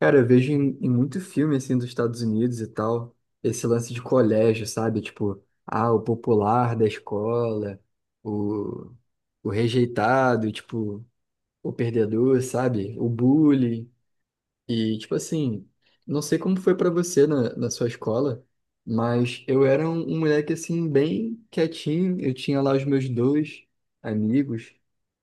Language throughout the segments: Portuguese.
Cara, eu vejo em muito filme, assim, dos Estados Unidos e tal, esse lance de colégio, sabe? Tipo, ah, o popular da escola, o, o rejeitado, tipo, o perdedor, sabe? O bully e, tipo assim, não sei como foi pra você na sua escola, mas eu era um moleque, assim, bem quietinho. Eu tinha lá os meus dois amigos.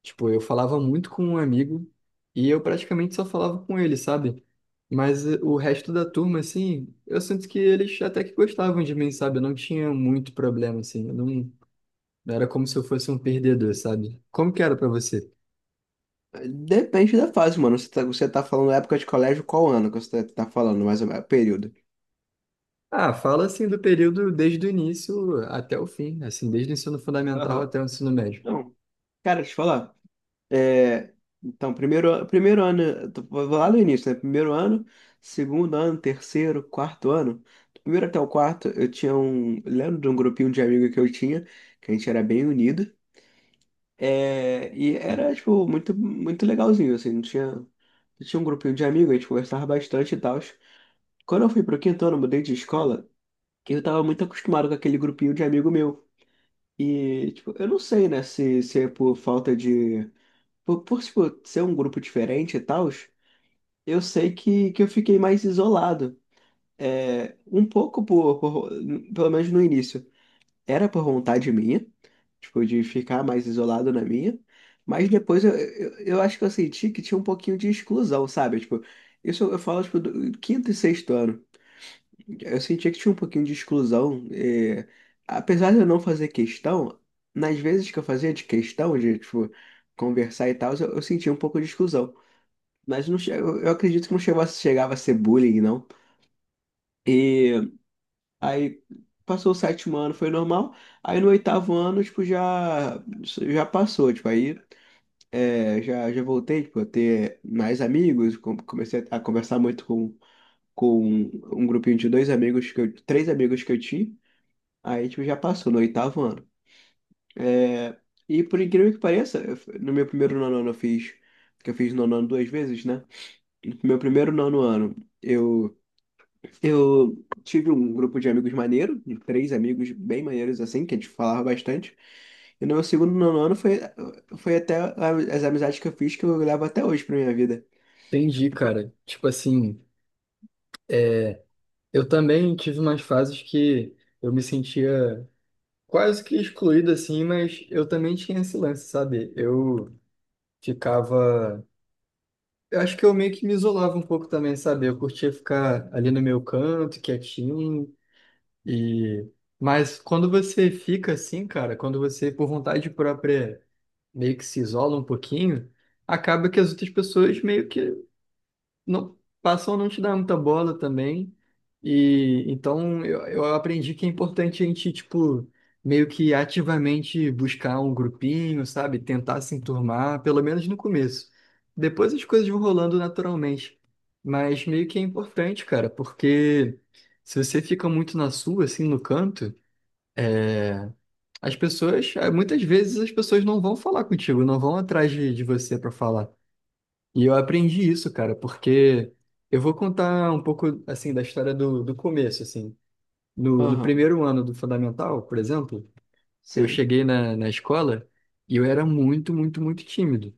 Tipo, eu falava muito com um amigo e eu praticamente só falava com ele, sabe? Mas o resto da turma, assim, eu sinto que eles até que gostavam de mim, sabe? Eu não tinha muito problema, assim. Eu não, Não era como se eu fosse um perdedor, sabe? Como que era pra você? Depende da fase, mano. Você tá falando época de colégio, qual ano que você tá falando, mais ou menos, período? Ah, fala assim do período desde o início até o fim, assim, desde o ensino fundamental Aham. até o ensino médio. Não, cara, deixa eu te falar. É, então, primeiro, primeiro ano, vou lá no início, né? Primeiro ano, segundo ano, terceiro, quarto ano. Do primeiro até o quarto, eu tinha um. Lembro de um grupinho de amigos que eu tinha, que a gente era bem unido. É, e era, tipo, muito, muito legalzinho, assim. Não tinha um grupinho de amigos, a gente conversava bastante e tal. Quando eu fui pro quinto ano, eu mudei de escola, que eu tava muito acostumado com aquele grupinho de amigo meu. E, tipo, eu não sei, né, se é por falta de. Tipo, ser um grupo diferente e tal, eu sei que eu fiquei mais isolado. É, um pouco pelo menos no início. Era por vontade minha, tipo, de ficar mais isolado na minha. Mas depois eu acho que eu senti que tinha um pouquinho de exclusão, sabe? Tipo, isso eu falo, tipo, do quinto e sexto ano. Eu sentia que tinha um pouquinho de exclusão. Apesar de eu não fazer questão, nas vezes que eu fazia de questão, de, tipo, conversar e tal, eu sentia um pouco de exclusão. Mas não, eu acredito que não chegou a- chegava a ser bullying, não. E aí passou o sétimo ano, foi normal. Aí no oitavo ano, tipo, já passou. Tipo, aí é, já voltei, tipo, a ter mais amigos. Comecei a conversar muito com um grupinho de dois amigos, que eu, três amigos que eu tinha. Aí, tipo, já passou no oitavo ano. É, e por incrível que pareça, no meu primeiro nono ano eu fiz, que eu fiz nono ano duas vezes, né? No meu primeiro nono ano, eu, eu tive um grupo de amigos maneiro, de três amigos bem maneiros, assim, que a gente falava bastante. E no meu segundo nono ano foi até a- as amizades que eu fiz, que eu levo até hoje pra minha vida. Entendi, cara. Tipo assim, eu também tive umas fases que eu me sentia quase que excluído, assim, mas eu também tinha esse lance, sabe? Eu ficava. Eu acho que eu meio que me isolava um pouco também, sabe? Eu curtia ficar ali no meu canto, quietinho, e. Mas quando você fica assim, cara, quando você, por vontade própria meio que se isola um pouquinho, acaba que as outras pessoas meio que não passam a não te dar muita bola também. E então eu aprendi que é importante a gente, tipo, meio que ativamente buscar um grupinho, sabe? Tentar se enturmar, pelo menos no começo. Depois as coisas vão rolando naturalmente. Mas meio que é importante, cara, porque se você fica muito na sua, assim, no canto, é, muitas vezes as pessoas não vão falar contigo, não vão atrás de você para falar. E eu aprendi isso, cara, porque eu vou contar um pouco, assim, da história do começo, assim. No Aham, primeiro ano do fundamental, por exemplo, eu sim. cheguei na escola e eu era muito, muito, muito tímido.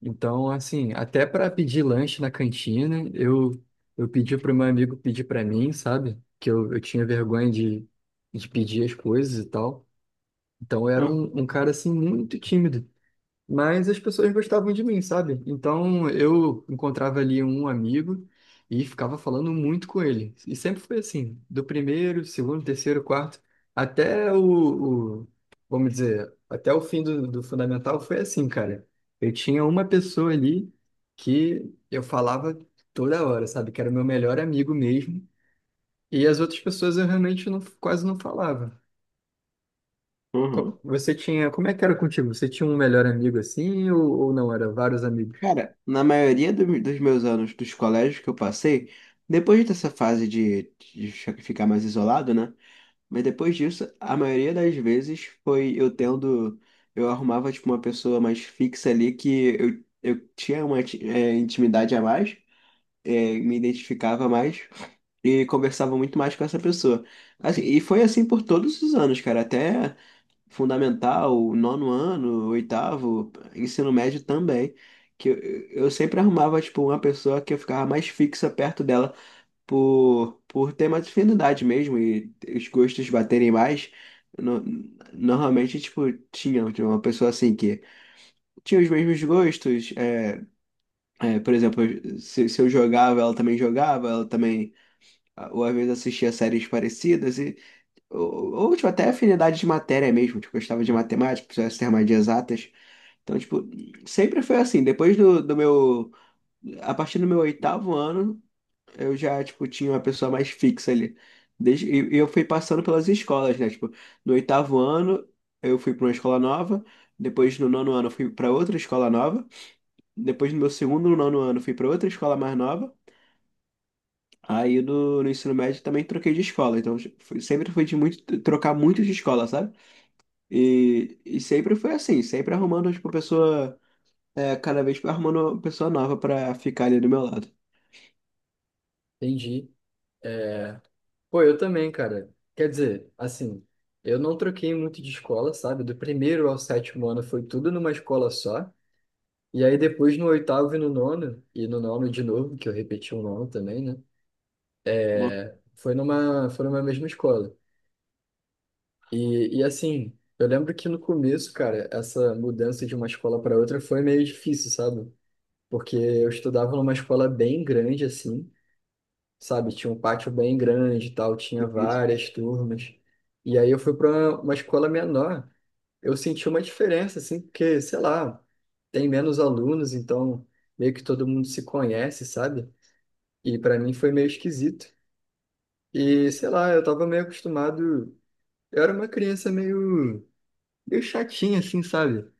Então, assim, até para pedir lanche na cantina, eu pedi para o meu amigo pedir para mim, sabe? Que eu tinha vergonha de pedir as coisas e tal. Então eu era um cara assim muito tímido, mas as pessoas gostavam de mim, sabe? Então eu encontrava ali um amigo e ficava falando muito com ele. E sempre foi assim, do primeiro, segundo, terceiro, quarto, até o, o- vamos dizer, até o fim do fundamental foi assim, cara. Eu tinha uma pessoa ali que eu falava toda hora, sabe? Que era o meu melhor amigo mesmo. E as outras pessoas eu realmente quase não falava Aham. Você tinha. Como é que era contigo? Você tinha um melhor amigo assim ou não? Era vários amigos? Cara, na maioria dos meus anos dos colégios que eu passei, depois dessa fase de ficar mais isolado, né? Mas depois disso, a maioria das vezes foi eu tendo. Eu arrumava, tipo, uma pessoa mais fixa ali que eu tinha uma intimidade a mais, me identificava mais e conversava muito mais com essa pessoa. Assim, e foi assim por todos os anos, cara. Até fundamental, nono ano, oitavo, ensino médio também. Que eu sempre arrumava, tipo, uma pessoa que eu ficava mais fixa perto dela por ter mais afinidade mesmo e os gostos baterem mais. No- normalmente, tipo, tinha uma pessoa assim que tinha os mesmos gostos. Por exemplo, se eu jogava, ela também, ou às vezes assistia séries parecidas, e, tipo, até afinidade de matéria mesmo, tipo, gostava de matemática, precisava ser mais de exatas. Então, tipo, sempre foi assim. Depois do meu. A partir do meu oitavo ano, eu já, tipo, tinha uma pessoa mais fixa ali. Desde, e eu fui passando pelas escolas, né? Tipo, no oitavo ano, eu fui para uma escola nova. Depois, no nono ano, eu fui para outra escola nova. Depois, no meu segundo no nono ano, eu fui para outra escola mais nova. Aí, no ensino médio, também troquei de escola. Então, sempre foi de muito, trocar muito de escola, sabe? E sempre foi assim, sempre arrumando, tipo, pessoa. É, cada vez vai arrumando uma pessoa nova pra ficar ali do meu lado. Entendi. É, pô, eu também, cara. Quer dizer, assim, eu não troquei muito de escola, sabe? Do primeiro ao sétimo ano foi tudo numa escola só. E aí depois no oitavo e no nono de novo, que eu repeti o nono também, né? Uma Foi numa mesma escola. E assim, eu lembro que no começo, cara, essa mudança de uma escola para outra foi meio difícil, sabe? Porque eu estudava numa escola bem grande, assim, sabe? Tinha um pátio bem grande e tal, tinha vez. várias turmas. E aí eu fui para uma escola menor, eu senti uma diferença, assim, porque, sei lá, tem menos alunos, então meio que todo mundo se conhece, sabe? E para mim foi meio esquisito. E, sei lá, eu tava meio acostumado, eu era uma criança meio, meio chatinha, assim, sabe?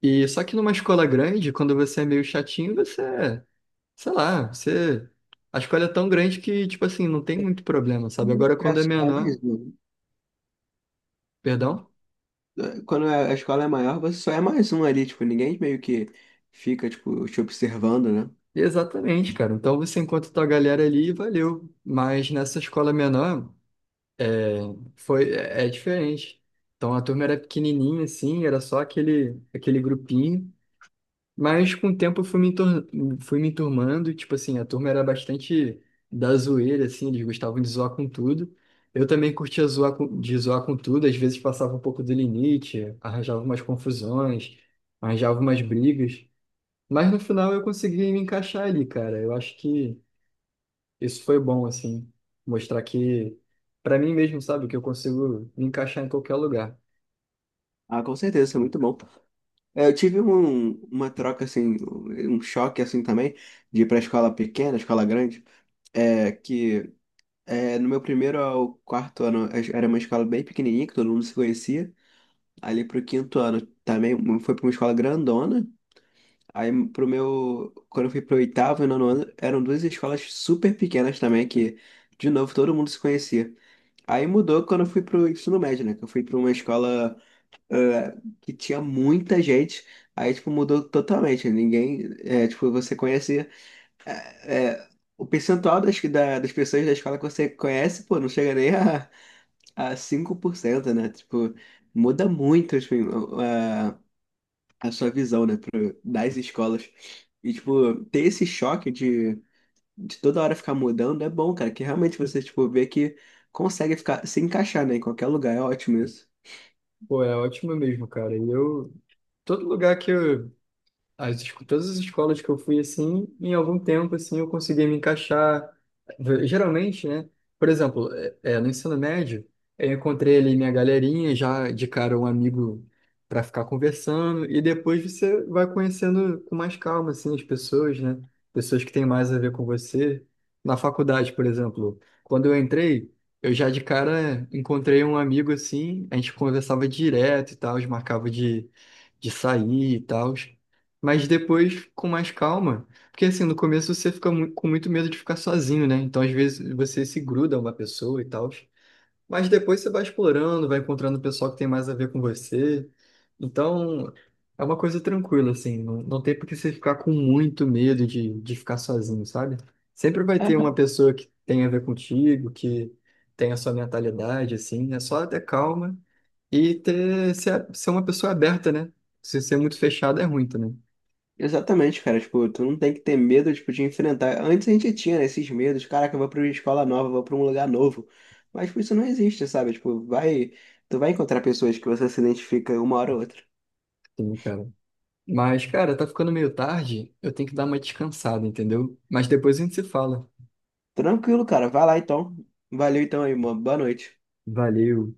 E só que numa escola grande, quando você é meio chatinho, você sei lá, você. A escola é tão grande que, tipo assim, não tem muito problema, sabe? Agora, É quando é só menor, mais um. perdão? É, quando a escola é maior, você só é mais um ali, tipo, ninguém meio que fica, tipo, te observando, né? Exatamente, cara. Então você encontra tua galera ali e valeu. Mas nessa escola menor, é, é diferente. Então a turma era pequenininha, assim, era só aquele grupinho. Mas com o tempo eu fui fui me enturmando, e, tipo assim, a turma era bastante da zoeira, assim, eles gostavam de zoar com tudo. Eu também curtia de zoar com tudo, às vezes passava um pouco do limite, arranjava umas confusões, arranjava umas brigas. Mas no final eu consegui me encaixar ali, cara. Eu acho que isso foi bom, assim, mostrar que, pra mim mesmo, sabe, que eu consigo me encaixar em qualquer lugar. Ah, com certeza, isso é muito bom. É, eu tive uma troca, assim, um choque, assim, também, de ir pra escola pequena, escola grande, é, que é, no meu primeiro ao quarto ano era uma escola bem pequenininha, que todo mundo se conhecia, ali pro quinto ano também foi pra uma escola grandona. Aí pro meu, quando eu fui pro oitavo e nono ano, eram duas escolas super pequenas também, que, de novo, todo mundo se conhecia. Aí mudou quando eu fui pro ensino médio, né? Que eu fui pra uma escola eh, que tinha muita gente. Aí, tipo, mudou totalmente. Ninguém, tipo, você conhecia eh, o percentual das pessoas da escola que você conhece, pô, não chega nem a, a 5%, né? Tipo, muda muito, assim, a sua visão, né, pro, das escolas. E, tipo, ter esse choque de toda hora ficar mudando é bom, cara, que realmente você, tipo, vê que consegue ficar, se encaixar, né, em qualquer lugar, é ótimo isso. Pô, é ótimo mesmo, cara. E eu, todo lugar que eu todas as escolas que eu fui, assim, em algum tempo, assim, eu consegui me encaixar. Geralmente, né? Por exemplo, no ensino médio, eu encontrei ali minha galerinha, já de cara um amigo para ficar conversando, e depois você vai conhecendo com mais calma, assim, as pessoas, né? Pessoas que têm mais a ver com você. Na faculdade, por exemplo, quando eu entrei, eu já de cara encontrei um amigo, assim, a gente conversava direto e tal, marcava de sair e tal. Mas depois com mais calma. Porque assim, no começo você fica com muito medo de ficar sozinho, né? Então às vezes você se gruda a uma pessoa e tal. Mas depois você vai explorando, vai encontrando o pessoal que tem mais a ver com você. Então é uma coisa tranquila, assim. Não, não tem por que você ficar com muito medo de ficar sozinho, sabe? Sempre vai ter É. uma pessoa que tem a ver contigo, que tem a sua mentalidade, assim. É só ter calma e ser uma pessoa aberta, né? Se ser muito fechado é ruim também. Exatamente, cara, tipo, tu não tem que ter medo, tipo, de enfrentar. Antes a gente tinha, né, esses medos, caraca, eu vou pra uma escola nova, eu vou pra um lugar novo. Mas, tipo, isso não existe, sabe? Tipo, vai, tu vai encontrar pessoas que você se identifica uma hora ou outra. Sim, cara. Mas, cara, tá ficando meio tarde, eu tenho que dar uma descansada, entendeu? Mas depois a gente se fala. Tranquilo, cara, vai lá então. Valeu então aí, mano. Boa noite. Valeu.